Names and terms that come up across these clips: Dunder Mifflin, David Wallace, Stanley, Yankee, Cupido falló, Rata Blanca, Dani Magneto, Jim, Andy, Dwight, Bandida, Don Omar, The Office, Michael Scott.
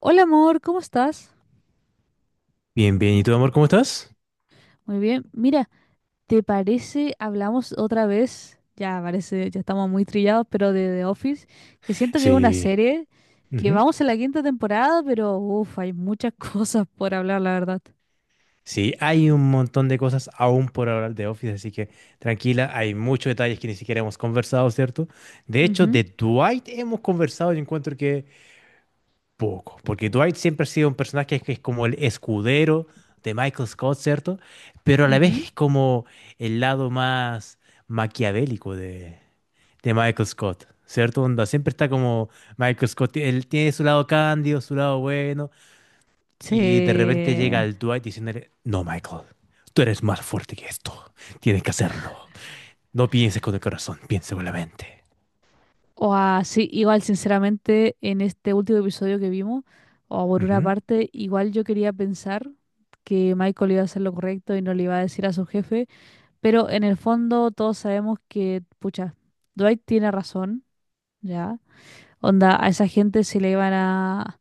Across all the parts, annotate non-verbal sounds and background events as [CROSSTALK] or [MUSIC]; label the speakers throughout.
Speaker 1: Hola amor, ¿cómo estás?
Speaker 2: Bien, bien. ¿Y tú, amor, cómo estás?
Speaker 1: Muy bien. Mira, ¿te parece hablamos otra vez? Ya parece, ya estamos muy trillados, pero de The Office, que siento que es una
Speaker 2: Sí.
Speaker 1: serie que
Speaker 2: Ujú.
Speaker 1: vamos a la quinta temporada, pero uff, hay muchas [LAUGHS] cosas por hablar, la verdad.
Speaker 2: Sí, hay un montón de cosas aún por hablar de Office, así que tranquila, hay muchos detalles que ni siquiera hemos conversado, ¿cierto? De hecho,
Speaker 1: Ujú,
Speaker 2: de Dwight hemos conversado y encuentro que poco, porque Dwight siempre ha sido un personaje que es como el escudero de Michael Scott, ¿cierto? Pero a la
Speaker 1: ujú.
Speaker 2: vez es como el lado más maquiavélico de Michael Scott, ¿cierto? Onda, siempre está como Michael Scott, él tiene su lado cándido, su lado bueno.
Speaker 1: Sí.
Speaker 2: Y de repente llega el Dwight diciéndole, no, Michael, tú eres más fuerte que esto. Tienes que hacerlo. No pienses con el corazón, piensa con la mente.
Speaker 1: O así, igual sinceramente en este último episodio que vimos, o por una
Speaker 2: Ujú,
Speaker 1: parte, igual yo quería pensar que Michael iba a hacer lo correcto y no le iba a decir a su jefe. Pero en el fondo todos sabemos que, pucha, Dwight tiene razón, ¿ya? Onda, a esa gente se le iban a,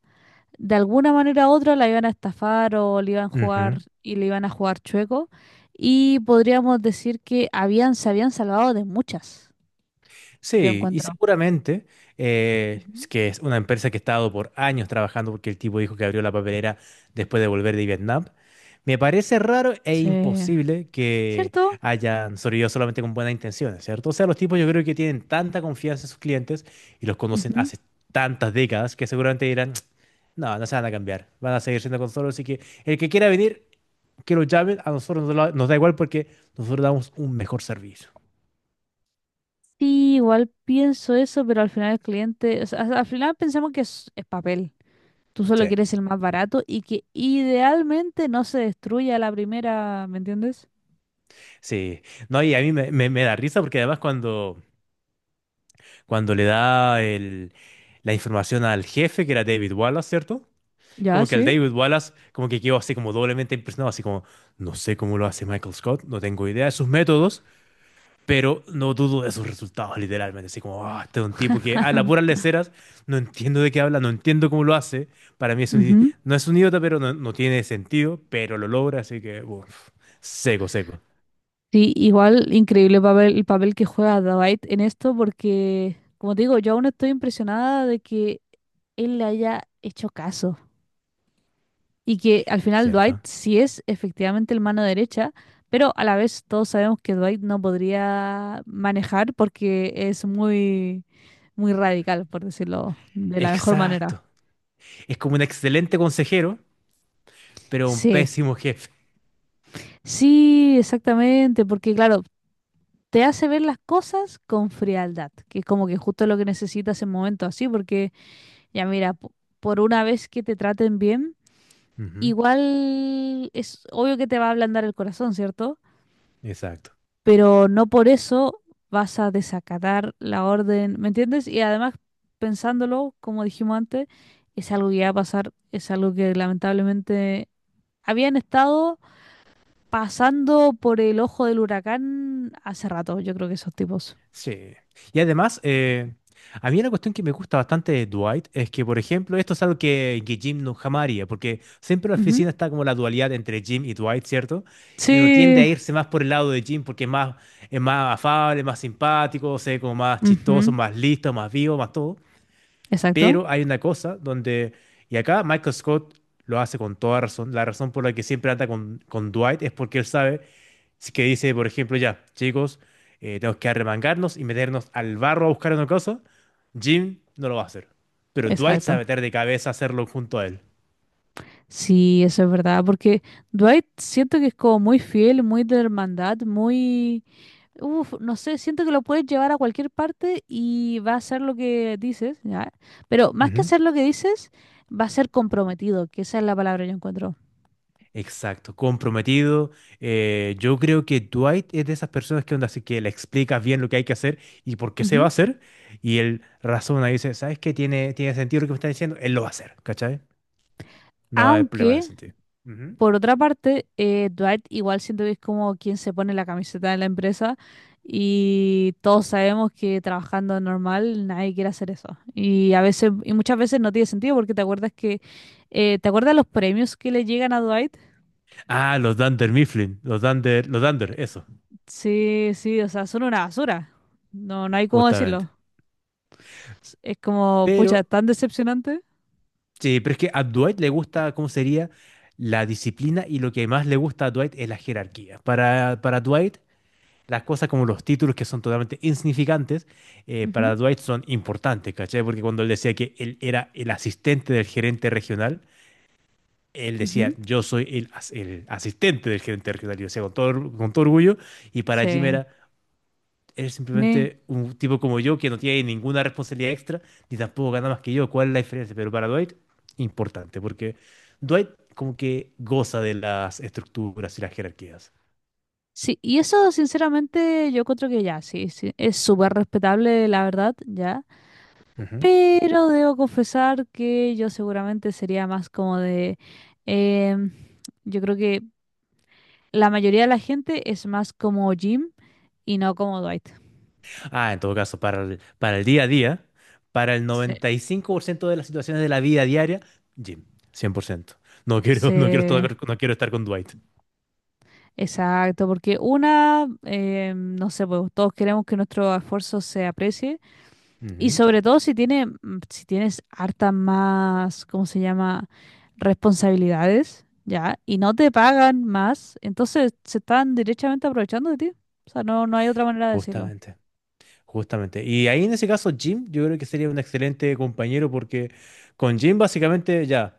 Speaker 1: de alguna manera u otra, la iban a estafar o le iban a jugar
Speaker 2: ujú.
Speaker 1: y le iban a jugar chueco. Y podríamos decir que habían, se habían salvado de muchas, yo
Speaker 2: Sí, y
Speaker 1: encuentro.
Speaker 2: seguramente es
Speaker 1: Ujú.
Speaker 2: que es una empresa que ha estado por años trabajando porque el tipo dijo que abrió la papelera después de volver de Vietnam. Me parece raro e
Speaker 1: Sí.
Speaker 2: imposible que
Speaker 1: ¿Cierto?
Speaker 2: hayan sobrevivido solamente con buenas intenciones, ¿cierto? O sea, los tipos yo creo que tienen tanta confianza en sus clientes y los conocen
Speaker 1: Ujú.
Speaker 2: hace tantas décadas que seguramente dirán, no, no se van a cambiar, van a seguir siendo con nosotros, así que el que quiera venir, que lo llamen, a nosotros nos da igual porque nosotros damos un mejor servicio.
Speaker 1: Sí, igual pienso eso, pero al final el cliente, o sea, al final pensamos que es papel. Tú solo
Speaker 2: Sí.
Speaker 1: quieres el más barato y que idealmente no se destruya a la primera, ¿me entiendes?
Speaker 2: Sí, no, y a mí me da risa porque además cuando le da la información al jefe, que era David Wallace, ¿cierto?
Speaker 1: Ya,
Speaker 2: Como que el
Speaker 1: sí.
Speaker 2: David Wallace como que quedó así como doblemente impresionado, así como, no sé cómo lo hace Michael Scott, no tengo idea de sus métodos, pero no dudo de sus resultados, literalmente, así como, ah, este es un tipo que a las puras leceras, no entiendo de qué habla, no entiendo cómo lo hace, para mí
Speaker 1: Ujú.
Speaker 2: no es un idiota, pero no, no tiene sentido, pero lo logra, así que, uf, seco, seco,
Speaker 1: Sí, igual increíble papel, el papel que juega Dwight en esto porque, como te digo, yo aún estoy impresionada de que él le haya hecho caso y que al final Dwight
Speaker 2: ¿cierto?
Speaker 1: sí es efectivamente el mano derecha, pero a la vez todos sabemos que Dwight no podría manejar porque es muy, muy radical, por decirlo de la mejor manera.
Speaker 2: Exacto. Es como un excelente consejero, pero un
Speaker 1: Sí,
Speaker 2: pésimo jefe.
Speaker 1: sí, exactamente, porque claro, te hace ver las cosas con frialdad, que es como que justo lo que necesitas en momentos así, porque ya mira, por una vez que te traten bien,
Speaker 2: Ujú.
Speaker 1: igual es obvio que te va a ablandar el corazón, ¿cierto?
Speaker 2: Exacto.
Speaker 1: Pero no por eso vas a desacatar la orden, ¿me entiendes? Y además, pensándolo, como dijimos antes, es algo que va a pasar, es algo que lamentablemente habían estado pasando por el ojo del huracán hace rato, yo creo que esos tipos.
Speaker 2: Sí. Y además, a mí una cuestión que me gusta bastante de Dwight es que, por ejemplo, esto es algo que Jim no jamás haría, porque siempre en la
Speaker 1: Ujú.
Speaker 2: oficina está como la dualidad entre Jim y Dwight, ¿cierto? Y uno tiende a
Speaker 1: Sí,
Speaker 2: irse más por el lado de Jim porque es más afable, más simpático, o sea, como más chistoso,
Speaker 1: ujú,
Speaker 2: más listo, más vivo, más todo.
Speaker 1: exacto,
Speaker 2: Pero hay una cosa donde, y acá Michael Scott lo hace con toda razón, la razón por la que siempre anda con Dwight es porque él sabe si que dice, por ejemplo, ya, chicos, tenemos que arremangarnos y meternos al barro a buscar una cosa, Jim no lo va a hacer, pero Dwight sabe
Speaker 1: exacto.
Speaker 2: meter de cabeza a hacerlo junto a él.
Speaker 1: Sí, eso es verdad, porque Dwight siento que es como muy fiel, muy de hermandad, muy... Uf, no sé, siento que lo puedes llevar a cualquier parte y va a hacer lo que dices, ¿ya? Pero más que
Speaker 2: Ujú.
Speaker 1: hacer lo que dices, va a ser comprometido, que esa es la palabra que yo encuentro.
Speaker 2: Exacto, comprometido. Yo creo que Dwight es de esas personas que onda, así que le explicas bien lo que hay que hacer y por qué se va a
Speaker 1: Ujú.
Speaker 2: hacer. Y él razona y dice, ¿sabes qué? Tiene sentido lo que me está diciendo. Él lo va a hacer, ¿cachai? No hay problema de
Speaker 1: Aunque
Speaker 2: sentido. Ujú.
Speaker 1: por otra parte, Dwight igual siento que es como quien se pone la camiseta de la empresa y todos sabemos que trabajando normal nadie quiere hacer eso. Y a veces, y muchas veces no tiene sentido porque te acuerdas que, ¿te acuerdas los premios que le llegan a Dwight?
Speaker 2: Ah, los Dunder Mifflin, los Dunder, eso,
Speaker 1: Sí, sí, o sea, son una basura. No, no hay cómo
Speaker 2: justamente.
Speaker 1: decirlo. Es como,
Speaker 2: Pero,
Speaker 1: pucha, tan decepcionante.
Speaker 2: sí, pero es que a Dwight le gusta, ¿cómo sería? La disciplina y lo que más le gusta a Dwight es la jerarquía. Para Dwight, las cosas como los títulos que son totalmente insignificantes, para
Speaker 1: Ujú,
Speaker 2: Dwight son importantes, ¿cachai? Porque cuando él decía que él era el asistente del gerente regional, él decía,
Speaker 1: ujú.
Speaker 2: yo soy el asistente del gerente regional, y lo decía con todo orgullo, y para Jim
Speaker 1: Sí,
Speaker 2: era, es
Speaker 1: me...
Speaker 2: simplemente un tipo como yo que no tiene ninguna responsabilidad extra, ni tampoco gana más que yo, ¿cuál es la diferencia? Pero para Dwight, importante, porque Dwight como que goza de las estructuras y las jerarquías.
Speaker 1: Sí, y eso sinceramente yo encuentro que ya, sí, sí, es súper respetable, la verdad, ya. Pero debo confesar que yo seguramente sería más como de... em, yo creo que la mayoría de la gente es más como Jim y no como Dwight.
Speaker 2: Ah, en todo caso, para el día a día, para el
Speaker 1: Sí.
Speaker 2: 95% de las situaciones de la vida diaria, Jim, 100%. No quiero,
Speaker 1: Sí,
Speaker 2: [LAUGHS] no quiero, estar, no quiero estar con Dwight.
Speaker 1: exacto, porque una, no sé, pues todos queremos que nuestro esfuerzo se aprecie. Y
Speaker 2: Ujú,
Speaker 1: sobre todo si tiene, si tienes hartas más, ¿cómo se llama? Responsabilidades, ¿ya? Y no te pagan más, entonces se están derechamente aprovechando de ti. O sea, no, no hay otra manera de decirlo.
Speaker 2: justamente. Justamente. Y ahí en ese caso, Jim, yo creo que sería un excelente compañero porque con Jim básicamente ya,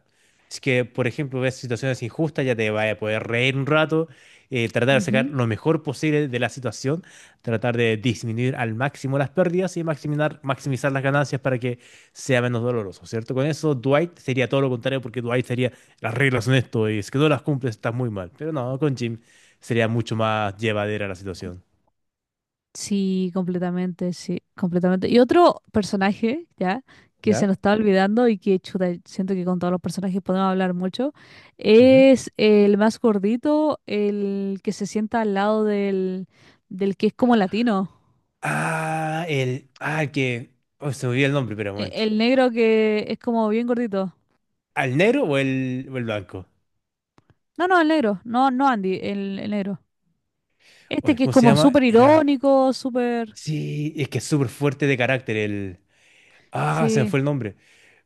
Speaker 2: si es que por ejemplo ves situaciones injustas, ya te vaya a poder reír un rato, tratar de sacar
Speaker 1: Ujú.
Speaker 2: lo mejor posible de la situación, tratar de disminuir al máximo las pérdidas y maximizar las ganancias para que sea menos doloroso, ¿cierto? Con eso, Dwight sería todo lo contrario porque Dwight sería, las reglas son esto y es que no las cumples, estás muy mal. Pero no, con Jim sería mucho más llevadera la situación,
Speaker 1: Sí, completamente, sí, completamente. Y otro personaje, ¿ya? Que se
Speaker 2: ¿ya?
Speaker 1: nos está olvidando y que, chuta, siento que con todos los personajes podemos hablar mucho, es el más gordito, el que se sienta al lado del que es como latino.
Speaker 2: Ah, el. Ah, el que. Oh, se me olvidó el nombre, pero un momento.
Speaker 1: El negro que es como bien gordito.
Speaker 2: ¿Al negro o el blanco?
Speaker 1: No, no, el negro. No, no Andy, el negro. Este
Speaker 2: Oye,
Speaker 1: que es
Speaker 2: ¿cómo se
Speaker 1: como
Speaker 2: llama?
Speaker 1: súper
Speaker 2: Era.
Speaker 1: irónico, súper...
Speaker 2: Sí, es que es súper fuerte de carácter el. Ah, se me
Speaker 1: Sí,
Speaker 2: fue el nombre.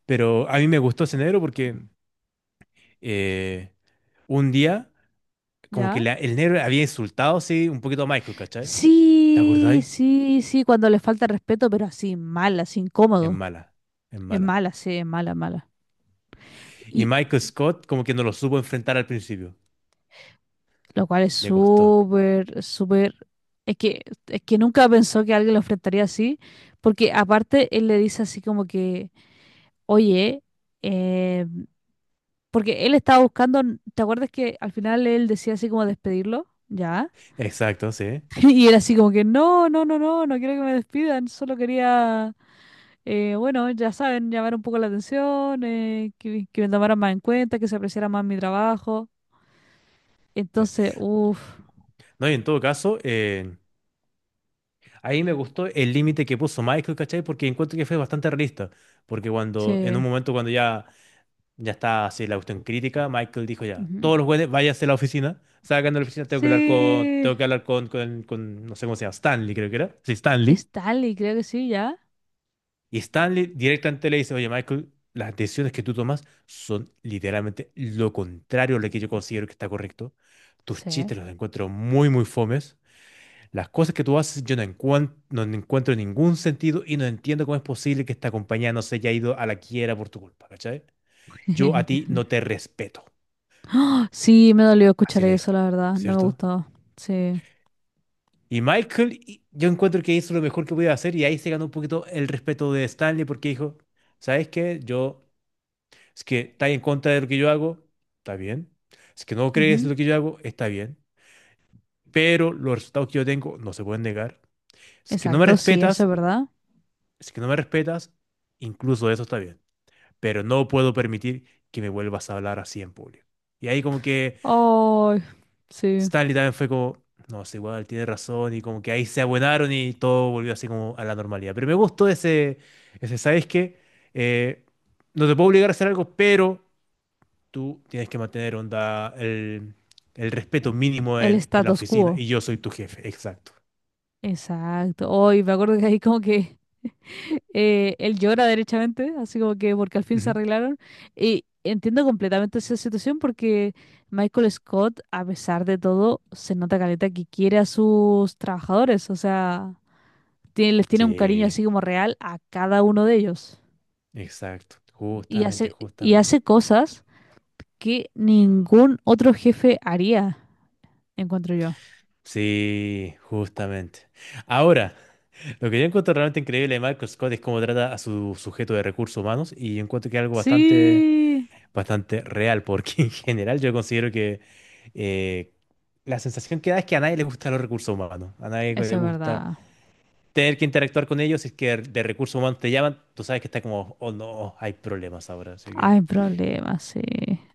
Speaker 2: Pero a mí me gustó ese negro porque eh, un día, como que
Speaker 1: ¿ya?
Speaker 2: el negro había insultado, sí, un poquito a Michael, ¿cachai? ¿Te
Speaker 1: Sí,
Speaker 2: acordáis?
Speaker 1: sí, sí, cuando le falta respeto, pero así, mal, así,
Speaker 2: Es
Speaker 1: incómodo.
Speaker 2: mala, es
Speaker 1: Es
Speaker 2: mala.
Speaker 1: mala, sí, es mala, mala.
Speaker 2: Y
Speaker 1: Y
Speaker 2: Michael Scott, como que no lo supo enfrentar al principio.
Speaker 1: lo cual es
Speaker 2: Le costó.
Speaker 1: súper, súper... Es que, es que nunca pensó que alguien lo enfrentaría así, porque aparte él le dice así como que, oye, em, porque él estaba buscando, ¿te acuerdas que al final él decía así como despedirlo? Ya.
Speaker 2: Exacto, sí.
Speaker 1: [LAUGHS] Y era así como que, no, no, no, no, no quiero que me despidan, solo quería, bueno, ya saben, llamar un poco la atención, que me tomaran más en cuenta, que se apreciara más mi trabajo.
Speaker 2: Sí.
Speaker 1: Entonces, uff,
Speaker 2: No, y en todo caso, ahí me gustó el límite que puso Michael, ¿cachai? Porque encuentro que fue bastante realista. Porque en
Speaker 1: sí.
Speaker 2: un momento cuando ya está así la cuestión crítica, Michael dijo ya,
Speaker 1: Ujú.
Speaker 2: todos los jueves váyanse a la oficina, salgan de la oficina,
Speaker 1: Sí,
Speaker 2: tengo que hablar con, no sé cómo se llama, Stanley creo que era. Sí, Stanley.
Speaker 1: Stanley, creo que sí, ya.
Speaker 2: Y Stanley directamente le dice, oye, Michael, las decisiones que tú tomas son literalmente lo contrario a lo que yo considero que está correcto. Tus
Speaker 1: Sí.
Speaker 2: chistes los encuentro muy, muy fomes. Las cosas que tú haces yo no, no encuentro ningún sentido y no entiendo cómo es posible que esta compañía no se haya ido a la quiebra por tu culpa, ¿cachai? Yo a ti
Speaker 1: [LAUGHS]
Speaker 2: no te respeto.
Speaker 1: Sí, me dolió
Speaker 2: Así
Speaker 1: escuchar
Speaker 2: le dijo,
Speaker 1: eso, la verdad, no me
Speaker 2: ¿cierto?
Speaker 1: gustó. Sí.
Speaker 2: Y Michael, yo encuentro que hizo lo mejor que podía hacer y ahí se ganó un poquito el respeto de Stanley porque dijo, ¿sabes qué? Yo, es que estás en contra de lo que yo hago, está bien. Es que no crees
Speaker 1: Ujú.
Speaker 2: en lo que yo hago, está bien. Pero los resultados que yo tengo no se pueden negar. Si Es que no me
Speaker 1: Exacto, sí, eso es
Speaker 2: respetas,
Speaker 1: verdad.
Speaker 2: si es que no me respetas, incluso eso está bien. Pero no puedo permitir que me vuelvas a hablar así en público. Y ahí como que
Speaker 1: Ay, sí.
Speaker 2: Stanley también fue como, no, es igual, tiene razón, y como que ahí se abuenaron y todo volvió así como a la normalidad. Pero me gustó ese, ¿sabes qué? Eh, no te puedo obligar a hacer algo, pero tú tienes que mantener onda el respeto mínimo
Speaker 1: El
Speaker 2: en la
Speaker 1: status
Speaker 2: oficina
Speaker 1: quo.
Speaker 2: y yo soy tu jefe, exacto.
Speaker 1: Exacto. Hoy me acuerdo que ahí como que [LAUGHS] él llora derechamente, así como que porque al fin se
Speaker 2: Ujú.
Speaker 1: arreglaron. Y entiendo completamente esa situación porque Michael Scott, a pesar de todo, se nota caleta que quiere a sus trabajadores. O sea, les tiene un cariño
Speaker 2: Sí,
Speaker 1: así como real a cada uno de ellos.
Speaker 2: exacto, justamente,
Speaker 1: Y
Speaker 2: justamente.
Speaker 1: hace cosas que ningún otro jefe haría, encuentro yo.
Speaker 2: Sí, justamente. Ahora, lo que yo encuentro realmente increíble de Michael Scott es cómo trata a su sujeto de recursos humanos y yo encuentro que es algo bastante,
Speaker 1: Sí,
Speaker 2: bastante real, porque [LAUGHS] en general yo considero que eh, la sensación que da es que a nadie le gustan los recursos humanos, a nadie le
Speaker 1: eso es
Speaker 2: gusta
Speaker 1: verdad.
Speaker 2: tener que interactuar con ellos, si es que de recursos humanos te llaman, tú sabes que está como, oh no, hay problemas ahora, así que...
Speaker 1: Hay problemas, sí.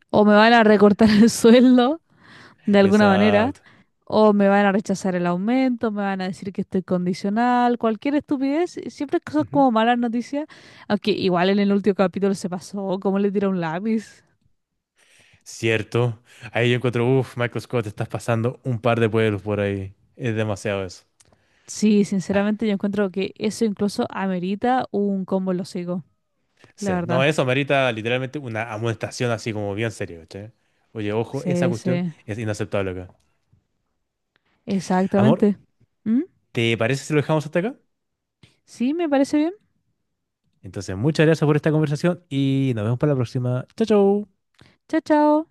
Speaker 1: O me van a recortar el [LAUGHS] sueldo de alguna manera,
Speaker 2: Exacto.
Speaker 1: o me van a rechazar el aumento, me van a decir que estoy condicional, cualquier estupidez, siempre cosas
Speaker 2: Ujú.
Speaker 1: como malas noticias, aunque igual en el último capítulo se pasó, como le tira un lápiz.
Speaker 2: Cierto. Ahí yo encuentro, uff, Michael Scott, estás pasando un par de pueblos por ahí. Es demasiado eso.
Speaker 1: Sí, sinceramente yo encuentro que eso incluso amerita un combo en los hocicos, la
Speaker 2: Sí, no,
Speaker 1: verdad.
Speaker 2: eso merita literalmente una amonestación así como bien seria, ¿cachai? Oye, ojo, esa
Speaker 1: Sí,
Speaker 2: cuestión
Speaker 1: sí,
Speaker 2: es inaceptable acá. Amor,
Speaker 1: exactamente. ¿Mm?
Speaker 2: ¿te parece si lo dejamos hasta acá?
Speaker 1: Sí, me parece bien.
Speaker 2: Entonces, muchas gracias por esta conversación y nos vemos para la próxima. Chao, chao.
Speaker 1: Chao, chao.